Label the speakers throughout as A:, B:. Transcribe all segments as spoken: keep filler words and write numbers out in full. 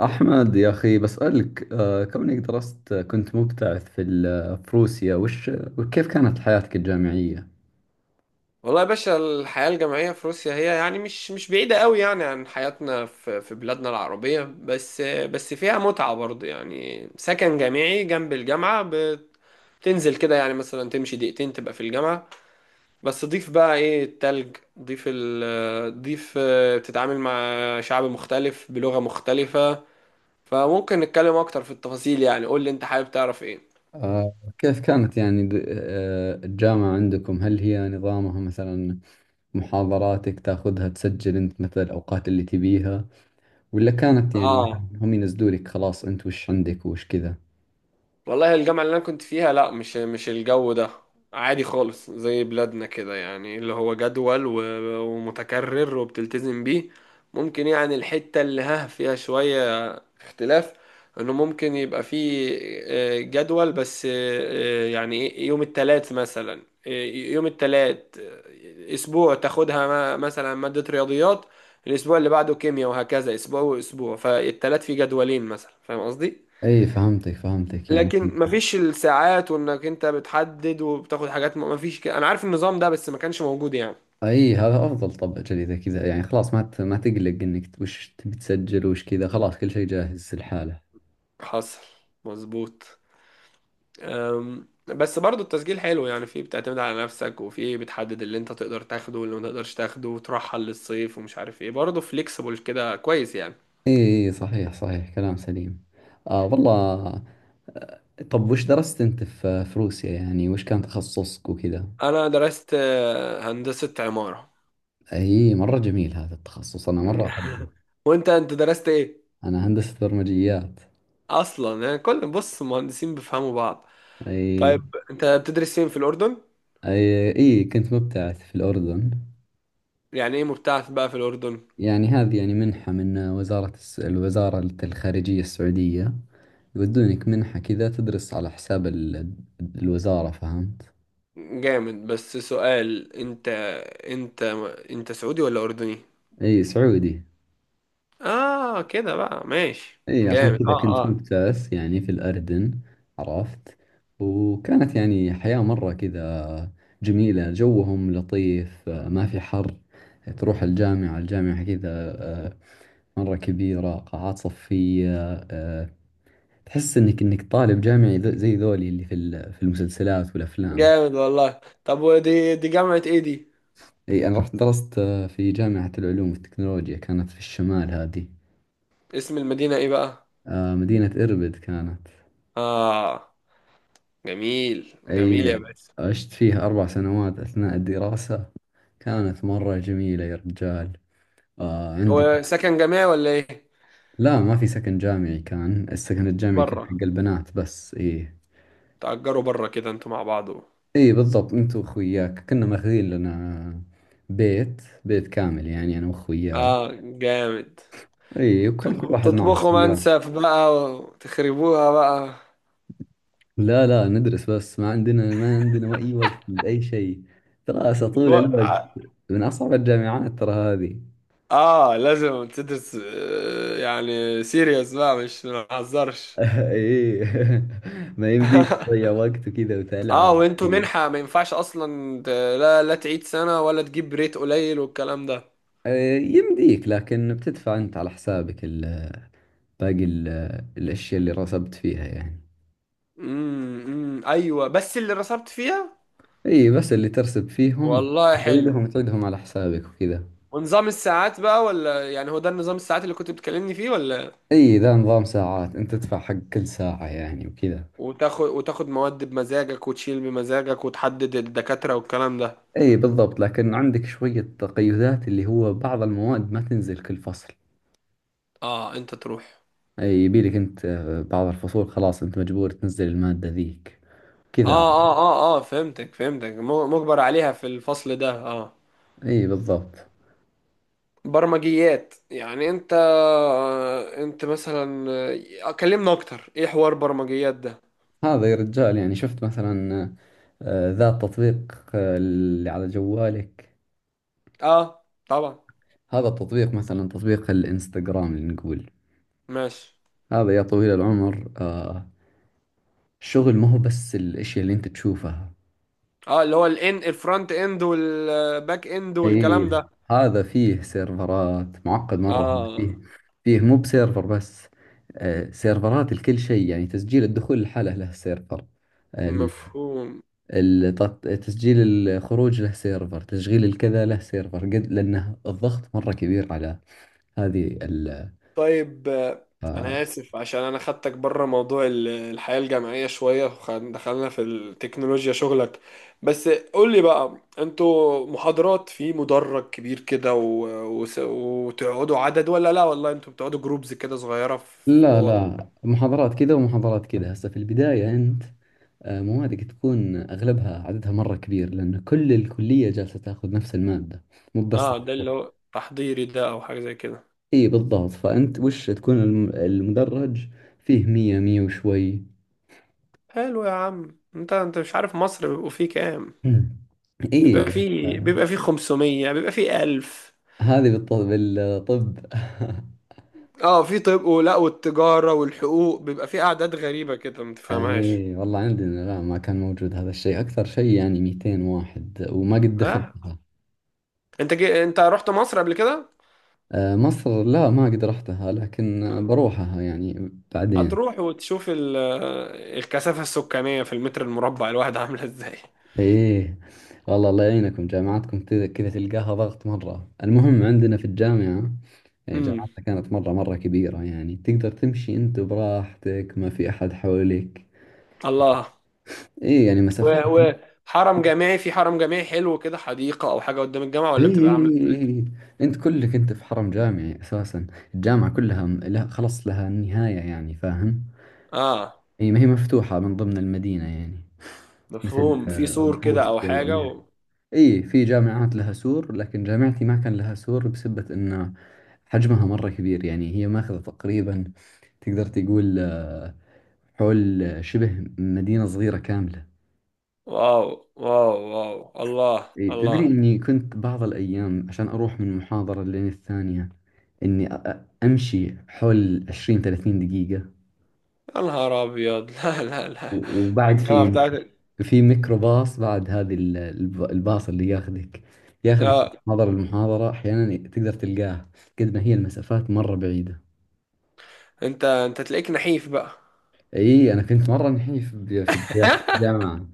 A: أحمد يا أخي بسألك آه، كونك درست كنت مبتعث في ال- في روسيا وش وكيف كانت حياتك الجامعية؟
B: والله يا باشا، الحياة الجامعية في روسيا هي يعني مش مش بعيدة قوي يعني عن حياتنا في في بلادنا العربية، بس بس فيها متعة برضه. يعني سكن جامعي جنب الجامعة، بتنزل كده يعني مثلا تمشي دقيقتين تبقى في الجامعة. بس ضيف بقى ايه التلج، ضيف ال ضيف آه، بتتعامل مع شعب مختلف بلغة مختلفة. فممكن نتكلم اكتر في التفاصيل. يعني قول لي انت حابب تعرف ايه.
A: آه، كيف كانت يعني د- آه، الجامعة عندكم، هل هي نظامها مثلا محاضراتك تاخذها تسجل أنت مثلا الأوقات اللي تبيها، ولا كانت يعني
B: اه،
A: مثلا هم ينزلوا لك، خلاص أنت وش عندك وش كذا؟
B: والله الجامعة اللي أنا كنت فيها لا، مش مش الجو ده. عادي خالص زي بلادنا كده، يعني اللي هو جدول و- ومتكرر وبتلتزم بيه. ممكن يعني الحتة اللي ها فيها شوية اختلاف، إنه ممكن يبقى فيه آه، جدول بس. آه، آه، يعني إيه، يوم التلات مثلا، آه، يوم التلات آه، أسبوع تاخدها م- مثلا مادة رياضيات، الأسبوع اللي بعده كيمياء، وهكذا أسبوع وأسبوع. فالتلات في جدولين مثلا، فاهم قصدي؟
A: أي، فهمتك فهمتك يعني.
B: لكن مفيش الساعات وانك انت بتحدد وبتاخد حاجات، م- مفيش ك... انا عارف النظام ده بس ما كانش موجود يعني.
A: اي، هذا افضل طبعا اذا كذا، يعني خلاص ما ت- ما تقلق انك وش تبي تسجل وش كذا، خلاص كل شيء جاهز لحاله.
B: حصل. مظبوط. أم، بس برضو التسجيل حلو. يعني فيه بتعتمد على نفسك، وفيه بتحدد اللي انت تقدر تاخده واللي ما تقدرش تاخده وترحل للصيف ومش عارف ايه. برضو فليكسبل كده، كويس يعني.
A: اي، إي، صحيح صحيح، كلام سليم. آه والله. آه، طب وش درست انت في في روسيا، يعني وش كان تخصصك وكذا؟
B: انا درست آه، هندسة عمارة.
A: اي، مرة جميل هذا التخصص، انا مرة احبه.
B: وانت انت درست ايه؟
A: انا هندسة برمجيات.
B: اصلا يعني كل، بص، المهندسين بيفهموا بعض.
A: اي.
B: طيب انت بتدرس فين في الاردن؟
A: اي اي، كنت مبتعث في الاردن.
B: يعني ايه مبتعث بقى في الاردن؟
A: يعني هذه يعني منحة من وزارة الس- الوزارة الخارجية السعودية، يودونك منحة كذا تدرس على حساب ال- الوزارة، فهمت.
B: جامد. بس سؤال، انت انت انت سعودي ولا اردني؟
A: اي سعودي.
B: اه، كده بقى ماشي.
A: اي، عشان
B: جامد.
A: كذا
B: اه
A: كنت
B: اه.
A: مبتعث يعني في الأردن، عرفت. وكانت يعني حياة مرة كذا جميلة، جوهم لطيف، آه، ما في حر. تروح الجامعة، الجامعة كذا، آه، مرة كبيرة، قاعات صفية، آه، تحس انك انك طالب جامعي، ذو- زي ذولي اللي في ال- في المسلسلات والأفلام.
B: جامد والله. طب ودي دي جامعة ايه دي؟
A: اي، انا رحت درست آه، في جامعة العلوم والتكنولوجيا، كانت في الشمال هذه.
B: اسم المدينة ايه بقى؟
A: آه، مدينة إربد كانت.
B: اه، جميل جميل
A: أي،
B: يا باشا.
A: عشت فيه أربع سنوات أثناء الدراسة، كانت مرة جميلة يا رجال. آه عندك.
B: وسكن جامعي ولا ايه؟
A: لا ما في سكن جامعي، كان السكن الجامعي كان
B: بره.
A: حق البنات بس. إيه.
B: تأجروا بره كده انتوا مع بعض.
A: إيه بالضبط، أنت وأخوياك، كنا ماخذين لنا بيت، بيت كامل يعني، أنا وأخوياي.
B: اه، جامد.
A: إيه، وكان كل
B: تطبخ-
A: واحد معه
B: تطبخوا
A: سيارة.
B: منسف بقى وتخربوها بقى.
A: لا لا، ندرس بس، ما عندنا ما عندنا أي وقت لأي شيء، دراسة طول الوقت. من أصعب الجامعات ترى هذه.
B: اه، لازم تدرس. آه، يعني سيريس بقى، مش ما نهزرش.
A: ايه. ما يمديك تضيع وقت وكذا
B: اه،
A: وتلعب.
B: وانتوا منحة، ما ينفعش اصلا ت- لا لا، تعيد سنة ولا تجيب ريت قليل والكلام ده.
A: إيه، يمديك، لكن بتدفع انت على حسابك ال- باقي ال- الاشياء اللي رسبت فيها يعني.
B: امم امم ايوه، بس اللي رسبت فيها.
A: اي بس اللي ترسب فيهم،
B: والله حلو.
A: تعيدهم تعيدهم على حسابك وكذا.
B: ونظام الساعات بقى؟ ولا يعني هو ده النظام، الساعات اللي كنت بتكلمني فيه ولا؟
A: اي ذا نظام ساعات، انت تدفع حق كل ساعة يعني وكذا.
B: وتاخد وتاخد مواد بمزاجك وتشيل بمزاجك وتحدد الدكاترة والكلام ده.
A: اي بالضبط، لكن عندك شوية تقيدات، اللي هو بعض المواد ما تنزل كل فصل.
B: اه، انت تروح.
A: اي يبيلك انت، آه، بعض الفصول خلاص انت مجبور تنزل المادة ذيك كذا.
B: اه اه اه اه، فهمتك فهمتك، م- مجبر عليها في الفصل ده، اه.
A: اي بالضبط.
B: برمجيات يعني انت انت مثلا كلمنا اكتر، ايه حوار برمجيات ده؟
A: هذا يا رجال، يعني شفت مثلا آه، ذا التطبيق آه، اللي على جوالك،
B: اه، طبعا.
A: هذا التطبيق مثلا تطبيق الانستغرام اللي نقول،
B: ماشي.
A: هذا يا طويل العمر، آه، الشغل ما هو بس الاشياء اللي انت تشوفها.
B: اه، اللي هو الان الفرونت اند والباك اند
A: اي،
B: والكلام ده.
A: هذا فيه سيرفرات، معقد مرة، هذا فيه،
B: اه،
A: فيه مو بسيرفر بس، آه، سيرفرات لكل شيء، يعني تسجيل الدخول لحاله له سيرفر،
B: مفهوم.
A: الت- تسجيل الخروج له سيرفر، تشغيل الكذا له سيرفر، قد لأنه الضغط مرة كبير على هذه ال
B: طيب آه،
A: آه،
B: انا اسف عشان انا خدتك بره موضوع ال- الحياة الجامعية شوية ودخلنا في التكنولوجيا شغلك. بس قول لي بقى، انتوا محاضرات في مدرج كبير كده و... و... وتقعدوا عدد، ولا لا والله انتوا بتقعدوا جروبز كده صغيرة في
A: لا
B: اوض؟
A: لا، محاضرات كذا ومحاضرات كذا، هسه في البداية أنت آه، موادك تكون أغلبها عددها مرة كبير، لأن كل الكلية جالسة تاخذ نفس المادة، مو بس
B: اه، ده اللي
A: تخصص.
B: هو تحضيري ده او حاجة زي كده.
A: اي بالضبط، فأنت وش تكون الم- المدرج فيه، مية مية وشوي.
B: حلو يا عم. انت انت مش عارف مصر بيبقوا فيه كام.
A: مم.
B: بيبقى
A: اي
B: فيه
A: آه،
B: بيبقى فيه خمسمية، بيبقى فيه ألف.
A: هذه بالط- بالطب.
B: اه، في طب، ولا والتجارة والحقوق بيبقى في أعداد غريبة كده ما تفهمهاش.
A: اي والله، عندنا لا ما كان موجود هذا الشيء، اكثر شيء يعني مئتين واحد، وما قد
B: اه،
A: دخلتها.
B: انت جي... انت رحت مصر قبل كده؟
A: آه، مصر لا ما قد رحتها، لكن آه،
B: آه.
A: بروحها يعني بعدين.
B: هتروح وتشوف ال... الكثافة السكانية في المتر المربع الواحد عاملة ازاي.
A: ايه والله، الله يعينكم، جامعاتكم كذا كذا تلقاها ضغط مرة. المهم عندنا في الجامعة، يعني
B: امم.
A: جامعتنا كانت مرة مرة كبيرة، يعني تقدر تمشي انت براحتك، ما في احد حولك.
B: الله.
A: ايه يعني
B: و...
A: مسافات.
B: و... حرم جامعي؟ في حرم جامعي حلو كده، حديقة أو حاجة قدام الجامعة،
A: اي
B: ولا بتبقى
A: اي
B: عاملة؟
A: اي اي، انت كلك انت في حرم جامعي اساسا، الجامعة كلها م- لها خلص لها نهاية يعني، فاهم.
B: اه،
A: اي، ما هي مفتوحة من ضمن المدينة يعني. مثل
B: مفهوم. في
A: آه،
B: سور كده أو
A: بروسيا
B: حاجة
A: وامريكا.
B: و...
A: اي في جامعات لها سور، لكن جامعتي ما كان لها سور بسبة انه حجمها مرة كبير، يعني هي ماخذة تقريبا، تقدر تقول آه، حول شبه مدينة صغيرة كاملة.
B: واو. واو واو. الله
A: إيه،
B: الله.
A: تدري إني كنت بعض الأيام عشان أروح من محاضرة لين الثانية، إني أ- أ- أمشي حول عشرين ثلاثين دقيقة.
B: يا نهار أبيض. لا لا لا،
A: و- وبعد
B: الجامعة
A: في
B: بتاعتك!
A: في ميكروباص بعد، هذه ال- الب- الباص اللي ياخذك، ياخذك من
B: اه،
A: محاضرة المحاضرة، أحيانا تقدر تلقاه، قد ما هي المسافات مرة بعيدة.
B: انت انت تلاقيك نحيف بقى،
A: إي أنا كنت مرة نحيف ب- في الجا- الجامعة،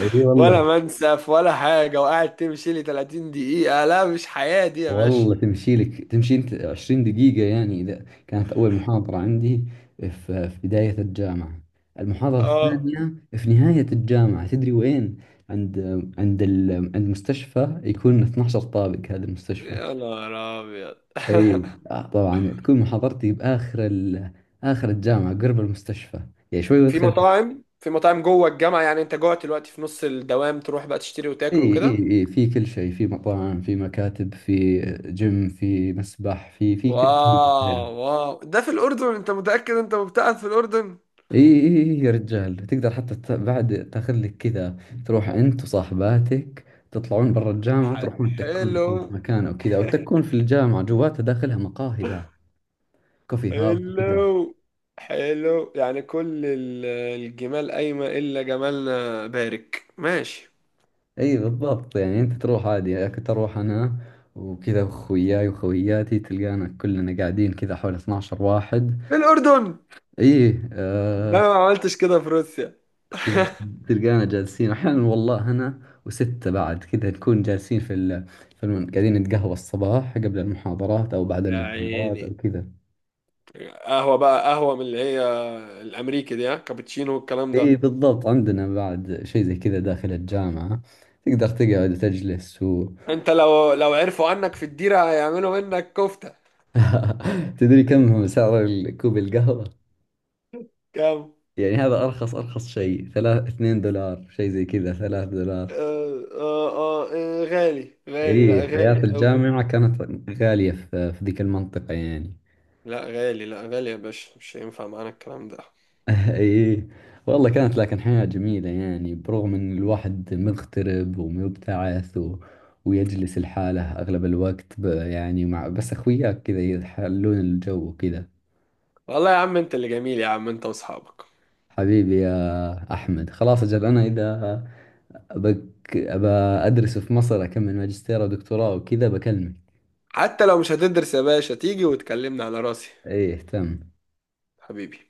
A: إي
B: ولا
A: والله.
B: منسف ولا حاجة وقاعد تمشي لي تلاتين دقيقة؟ لا، مش حياة دي يا باشا.
A: والله تمشي لك، تمشي انت عشرين دقيقة يعني، اذا كانت اول محاضرة عندي في في بداية الجامعة، المحاضرة
B: اه،
A: الثانية في نهاية الجامعة، تدري وين؟ عند عند ال... عند مستشفى يكون اثنا عشر طابق هذا المستشفى.
B: يا نهار ابيض.
A: اي آه طبعا تكون محاضرتي باخر ال... اخر الجامعة قرب المستشفى، يعني شوي
B: في
A: وادخل.
B: مطاعم، في مطاعم جوه الجامعة يعني؟ انت جوه دلوقتي في نص الدوام تروح بقى تشتري
A: اي
B: وتاكل وكده.
A: اي اي، في كل شيء، في مطاعم، في مكاتب، في جيم، في مسبح، في في كل
B: واو
A: شيء.
B: واو، ده في الأردن؟ انت متأكد انت مبتعد في الأردن؟
A: اي اي إي يا رجال، تقدر حتى ت- بعد تاخذ لك كذا، تروح انت وصاحباتك، تطلعون برا الجامعة،
B: ح-
A: تروحون تكون لكم في
B: حلو.
A: مكان او كذا، او تكون في الجامعة جواتها، داخلها مقاهي بعد، كوفي هاوس وكذا.
B: حلو. حلو يعني، كل ال- الجمال قايمة إلا جمالنا، بارك. ماشي،
A: اي بالضبط، يعني انت تروح عادي، يعني كنت اروح انا وكذا اخوياي وخوياتي، تلقانا كلنا قاعدين كذا حول اثنا عشر واحد.
B: في الأردن
A: اي آه،
B: ده ما عملتش كده في روسيا.
A: تلقانا جالسين احيانا والله، انا وستة بعد كذا، نكون جالسين في ال... في الم... قاعدين نتقهوى الصباح قبل المحاضرات او بعد
B: يا
A: المحاضرات او
B: عيني.
A: كذا.
B: قهوة بقى؟ قهوة من اللي هي الأمريكي دي، ها، كابتشينو والكلام
A: اي
B: ده؟
A: بالضبط، عندنا بعد شيء زي كذا داخل الجامعة، تقدر تقعد وتجلس و...
B: أنت لو لو عرفوا عنك في الديرة هيعملوا منك كفتة.
A: تدري كم هو سعر ال- كوب القهوة؟
B: كام؟
A: يعني هذا ارخص ارخص شيء، ثلاث اثنين دولار، شيء زي كذا، ثلاث دولار.
B: آه آه آه آه، غالي غالي، لا
A: اي حياة
B: غالي قوي.
A: الجامعة كانت غالية في في ذيك المنطقة يعني.
B: لا غالي، لا غالي يا باشا، مش هينفع معانا الكلام ده.
A: ايه والله كانت، لكن حياة جميلة يعني، برغم ان الواحد مغترب ومبتعث و... ويجلس لحاله اغلب الوقت ب... يعني مع بس اخوياك كذا يحلون الجو وكذا.
B: والله يا عم أنت اللي جميل، يا عم أنت وأصحابك.
A: حبيبي يا احمد، خلاص اجل انا اذا بك... ابى ادرس في مصر، اكمل ماجستير ودكتوراه وكذا، بكلمك.
B: حتى لو مش هتدرس يا باشا، تيجي وتكلمنا، على راسي.
A: ايه تم.
B: حبيبي.